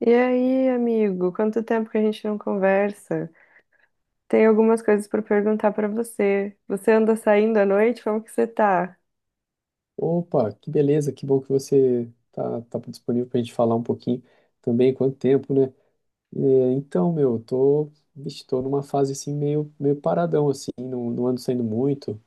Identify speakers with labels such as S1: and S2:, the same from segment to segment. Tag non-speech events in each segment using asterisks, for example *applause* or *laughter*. S1: E aí, amigo, quanto tempo que a gente não conversa? Tem algumas coisas para perguntar para você. Você anda saindo à noite? Como que você tá?
S2: Opa, que beleza, que bom que você tá disponível para a gente falar um pouquinho também, quanto tempo, né? É, então, meu, eu tô, vixe, tô numa fase assim meio paradão, assim, não ando saindo muito,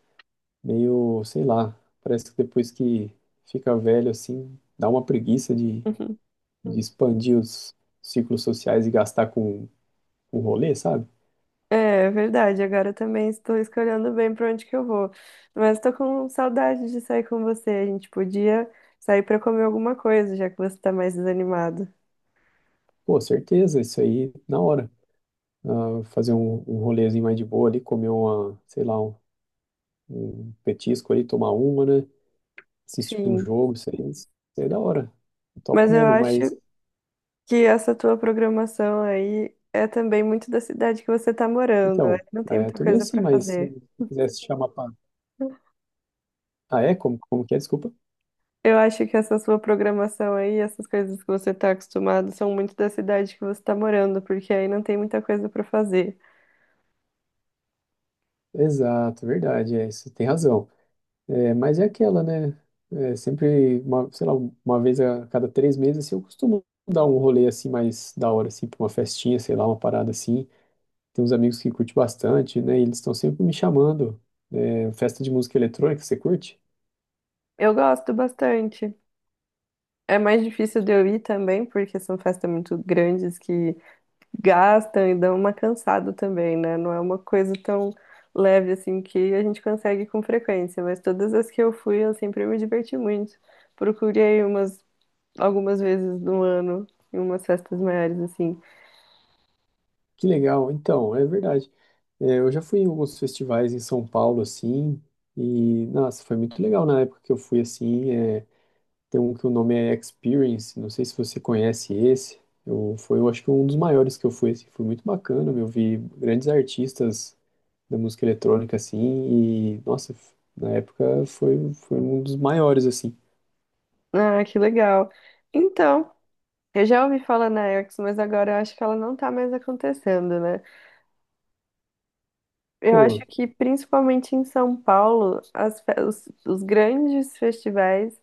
S2: meio, sei lá, parece que depois que fica velho, assim, dá uma preguiça
S1: *laughs*
S2: de expandir os ciclos sociais e gastar com rolê, sabe?
S1: É, verdade, agora eu também estou escolhendo bem para onde que eu vou. Mas estou com saudade de sair com você. A gente podia sair para comer alguma coisa, já que você está mais desanimado.
S2: Pô, certeza, isso aí na hora. Ah, fazer um rolezinho mais de boa ali, comer uma, sei lá, um petisco ali, tomar uma, né? Assistir um
S1: Sim,
S2: jogo, isso aí é da hora. Top
S1: mas eu
S2: mesmo,
S1: acho
S2: mas.
S1: que essa tua programação aí é também muito da cidade que você está morando. Aí
S2: Então,
S1: não tem
S2: é,
S1: muita
S2: tô meio
S1: coisa
S2: assim,
S1: para
S2: mas se
S1: fazer.
S2: se quisesse chamar pra. Ah, é? Como que é? Desculpa.
S1: Eu acho que essa sua programação aí, essas coisas que você está acostumado, são muito da cidade que você está morando, porque aí não tem muita coisa para fazer.
S2: Exato, verdade, é, você tem razão. É, mas é aquela, né? É, sempre, uma, sei lá, uma vez a cada três meses, assim, eu costumo dar um rolê assim mais da hora, assim, pra uma festinha, sei lá, uma parada assim. Tem uns amigos que curtem bastante, né? E eles estão sempre me chamando. É, festa de música eletrônica, você curte?
S1: Eu gosto bastante. É mais difícil de eu ir também, porque são festas muito grandes que gastam e dão uma cansada também, né? Não é uma coisa tão leve assim que a gente consegue com frequência, mas todas as que eu fui, eu sempre me diverti muito. Procurei umas algumas vezes no ano em umas festas maiores assim.
S2: Que legal, então, é verdade. É, eu já fui em alguns festivais em São Paulo, assim, e, nossa, foi muito legal na época que eu fui, assim, é, tem um que o nome é Experience, não sei se você conhece esse, eu, foi, eu acho que um dos maiores que eu fui, assim, foi muito bacana, eu vi grandes artistas da música eletrônica, assim, e, nossa, na época foi, foi um dos maiores, assim.
S1: Ah, que legal. Então, eu já ouvi falar na Eric's, mas agora eu acho que ela não tá mais acontecendo, né? Eu acho
S2: Pô,
S1: que principalmente em São Paulo, as os grandes festivais,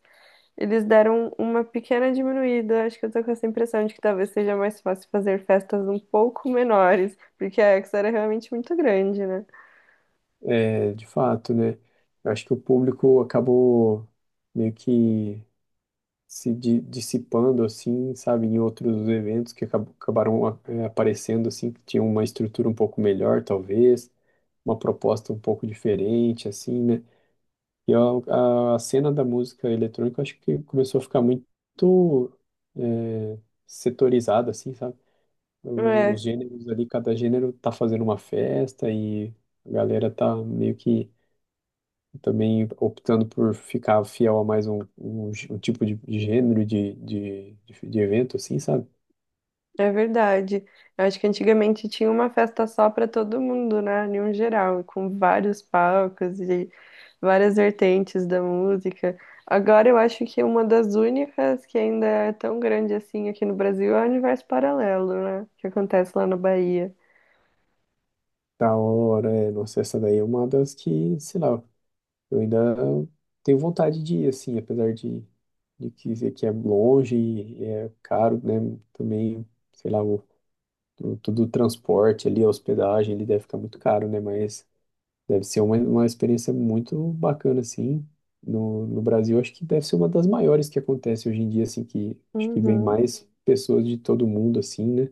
S1: eles deram uma pequena diminuída. Acho que eu tô com essa impressão de que talvez seja mais fácil fazer festas um pouco menores, porque a Eric's era realmente muito grande, né?
S2: é, de fato, né, eu acho que o público acabou meio que se di- dissipando assim, sabe, em outros eventos que acabaram aparecendo assim, que tinham uma estrutura um pouco melhor, talvez, uma proposta um pouco diferente, assim, né? E a cena da música eletrônica, acho que começou a ficar muito eh, setorizada, assim, sabe? Os
S1: É.
S2: gêneros ali, cada gênero tá fazendo uma festa e a galera tá meio que também optando por ficar fiel a mais um, um, um tipo de gênero de evento, assim, sabe?
S1: É verdade. Eu acho que antigamente tinha uma festa só para todo mundo, né? Em um geral, com vários palcos e várias vertentes da música. Agora eu acho que uma das únicas que ainda é tão grande assim aqui no Brasil é o Universo Paralelo, né? Que acontece lá na Bahia.
S2: Da hora, é, nossa, essa daí é uma das que, sei lá, eu ainda tenho vontade de ir, assim, apesar de que, dizer que é longe e é caro, né? Também, sei lá, o, todo o transporte ali, a hospedagem, ele deve ficar muito caro, né? Mas deve ser uma experiência muito bacana, assim. No, no Brasil, acho que deve ser uma das maiores que acontece hoje em dia, assim, que acho que vem
S1: Uhum.
S2: mais pessoas de todo mundo, assim, né?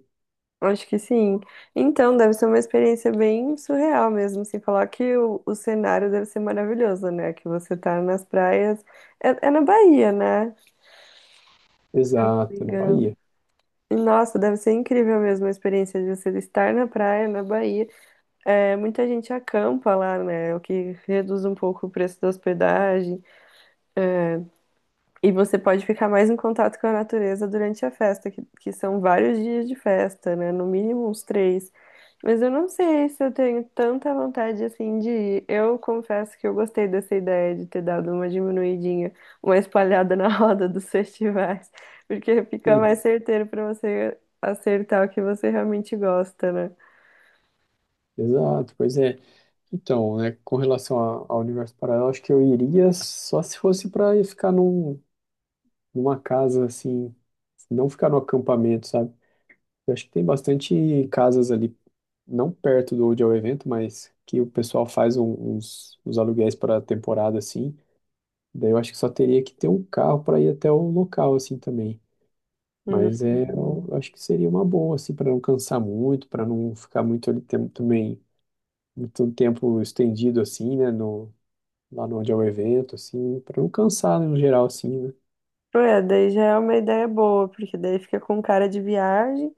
S1: Acho que sim. Então, deve ser uma experiência bem surreal mesmo, sem falar que o cenário deve ser maravilhoso, né? Que você tá nas praias. É, é na Bahia, né? Se eu não me
S2: Exato, na Bahia.
S1: engano. Nossa, deve ser incrível mesmo a experiência de você estar na praia, na Bahia. É, muita gente acampa lá, né? O que reduz um pouco o preço da hospedagem. É, e você pode ficar mais em contato com a natureza durante a festa, que são vários dias de festa, né? No mínimo uns três. Mas eu não sei se eu tenho tanta vontade assim de ir. Eu confesso que eu gostei dessa ideia de ter dado uma diminuidinha, uma espalhada na *laughs* roda dos festivais, porque fica
S2: Sim,
S1: mais certeiro para você acertar o que você realmente gosta, né?
S2: exato, pois é. Então, né, com ao universo paralelo, acho que eu iria só se fosse para ficar num, numa casa, assim, não ficar no acampamento, sabe? Eu acho que tem bastante casas ali não perto do onde é o evento, mas que o pessoal faz uns, uns aluguéis para temporada assim. Daí eu acho que só teria que ter um carro para ir até o local assim também. Mas é, eu
S1: Uhum.
S2: acho que seria uma boa assim para não cansar muito, para não ficar muito ali também muito tempo estendido assim, né, lá no onde é o evento assim, para não cansar né, no geral assim, né?
S1: É, daí já é uma ideia boa, porque daí fica com cara de viagem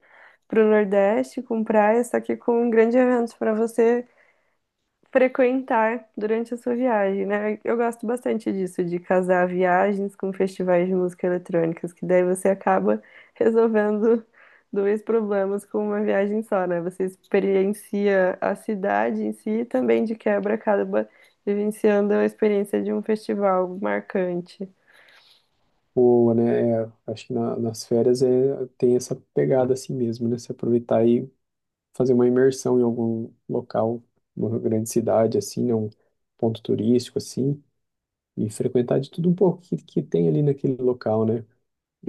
S1: para o Nordeste com praia, só que com um grande evento para você frequentar durante a sua viagem, né? Eu gosto bastante disso, de casar viagens com festivais de música eletrônicas, que daí você acaba resolvendo dois problemas com uma viagem só, né? Você experiencia a cidade em si e também de quebra acaba vivenciando a experiência de um festival marcante.
S2: Ou, né, é, acho que nas férias é, tem essa pegada assim mesmo, né? Se aproveitar e fazer uma imersão em algum local, uma grande cidade, assim, né? Um ponto turístico, assim, e frequentar de tudo um pouco que tem ali naquele local, né?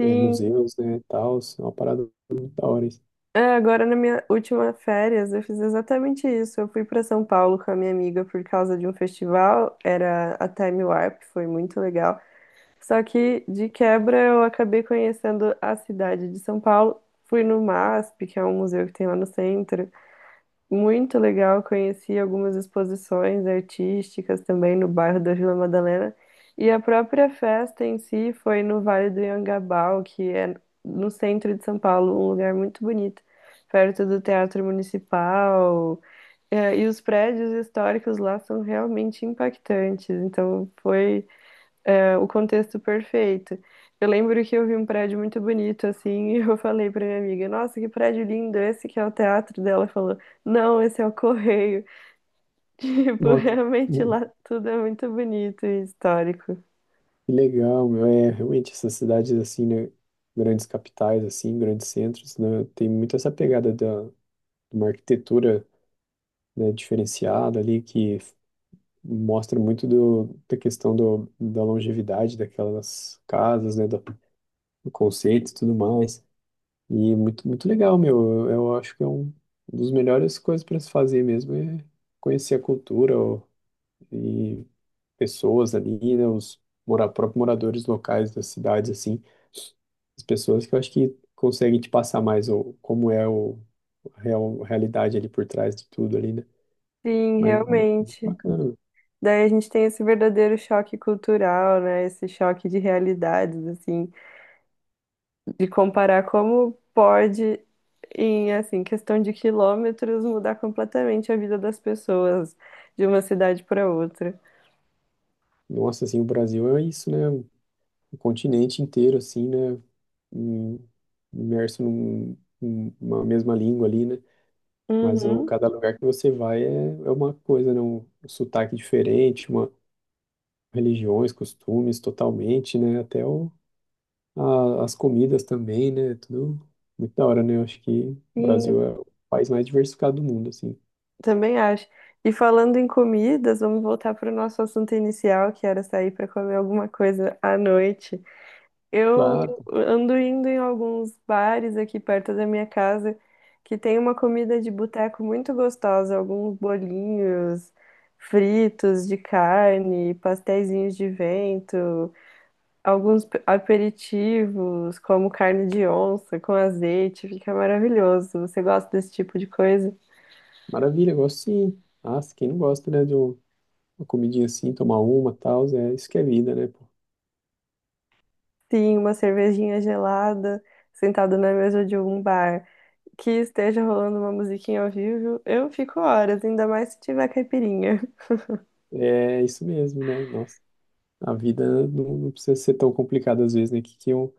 S2: É, museus, né, tal, é uma parada muito da hora. Isso.
S1: é, agora na minha última férias eu fiz exatamente isso. Eu fui para São Paulo com a minha amiga por causa de um festival, era a Time Warp, foi muito legal. Só que de quebra eu acabei conhecendo a cidade de São Paulo. Fui no MASP, que é um museu que tem lá no centro. Muito legal, conheci algumas exposições artísticas também no bairro da Vila Madalena. E a própria festa em si foi no Vale do Anhangabaú, que é no centro de São Paulo, um lugar muito bonito, perto do Teatro Municipal. É, e os prédios históricos lá são realmente impactantes. Então foi é o contexto perfeito. Eu lembro que eu vi um prédio muito bonito assim, *laughs* e eu falei pra minha amiga: "Nossa, que prédio lindo, esse que é o teatro dela". Ela falou: "Não, esse é o Correio". *laughs* Tipo,
S2: Nossa,
S1: realmente
S2: hum,
S1: lá tudo é muito bonito e histórico.
S2: que legal, meu. É, realmente, essas cidades, assim, né? Grandes capitais, assim, grandes centros, né? Tem muito essa pegada de uma arquitetura, né, diferenciada ali, que mostra muito da questão da longevidade daquelas casas, né? da O conceito e tudo mais. E muito, muito legal, meu. Eu acho que é um, um dos melhores coisas para se fazer mesmo é conhecer a cultura ó, e pessoas ali, né, próprios moradores locais das cidades, assim, as pessoas que eu acho que conseguem te passar mais o, como é o, a realidade ali por trás de tudo ali, né?
S1: Sim,
S2: Mas muito
S1: realmente.
S2: bacana.
S1: Daí a gente tem esse verdadeiro choque cultural, né? Esse choque de realidades, assim, de comparar como pode, em assim, questão de quilômetros, mudar completamente a vida das pessoas de uma cidade para outra.
S2: Nossa, assim, o Brasil é isso, né? O continente inteiro, assim, né? em- Imerso num, numa mesma língua ali, né? Mas o,
S1: Uhum,
S2: cada lugar que você vai é, é uma coisa, né? Um sotaque diferente, uma, religiões, costumes totalmente, né? Até o, as comidas também, né? Tudo muito da hora, né? Eu acho que o Brasil
S1: sim,
S2: é o país mais diversificado do mundo, assim.
S1: também acho. E falando em comidas, vamos voltar para o nosso assunto inicial, que era sair para comer alguma coisa à noite. Eu
S2: Claro,
S1: ando indo em alguns bares aqui perto da minha casa que tem uma comida de boteco muito gostosa, alguns bolinhos fritos de carne, pasteizinhos de vento, alguns aperitivos, como carne de onça com azeite, fica maravilhoso. Você gosta desse tipo de coisa?
S2: maravilha, gosto sim. Ah, quem não gosta, né? De uma comidinha assim, tomar uma, tal, é, isso que é vida, né? Pô?
S1: Sim, uma cervejinha gelada, sentado na mesa de um bar, que esteja rolando uma musiquinha ao vivo, eu fico horas, ainda mais se tiver caipirinha.
S2: É isso mesmo, né? Nossa. A vida não precisa ser tão complicada às vezes, né? Que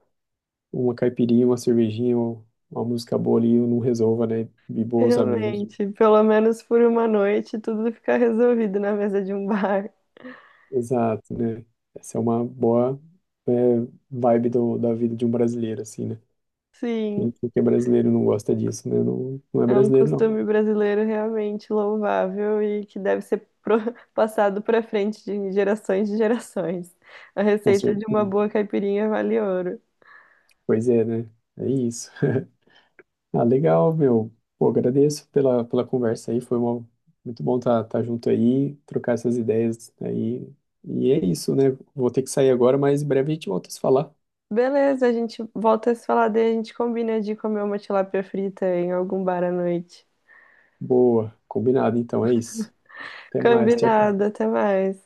S2: uma caipirinha, uma cervejinha, ou uma música boa ali não resolva, né? E
S1: *laughs*
S2: bons amigos.
S1: Realmente, pelo menos por uma noite, tudo fica resolvido na mesa de um bar.
S2: Exato, né? Essa é uma boa, é, vibe do, da vida de um brasileiro, assim, né?
S1: Sim,
S2: Quem que é brasileiro não gosta disso, né? Não, não é
S1: é um
S2: brasileiro, não.
S1: costume brasileiro realmente louvável e que deve ser *laughs* passado para frente de gerações de gerações. A
S2: Com
S1: receita de
S2: certeza.
S1: uma boa caipirinha vale ouro.
S2: Pois é, né? É isso. *laughs* Ah, legal, meu. Pô, agradeço pela conversa aí. Foi muito bom estar tá junto aí, trocar essas ideias aí. E é isso, né? Vou ter que sair agora, mas em breve a gente volta a se falar.
S1: Beleza, a gente volta a se falar daí, a gente combina de comer uma tilápia frita em algum bar à noite.
S2: Boa, combinado. Então é isso. Até mais. Tchau, tchau.
S1: Combinado. Até mais.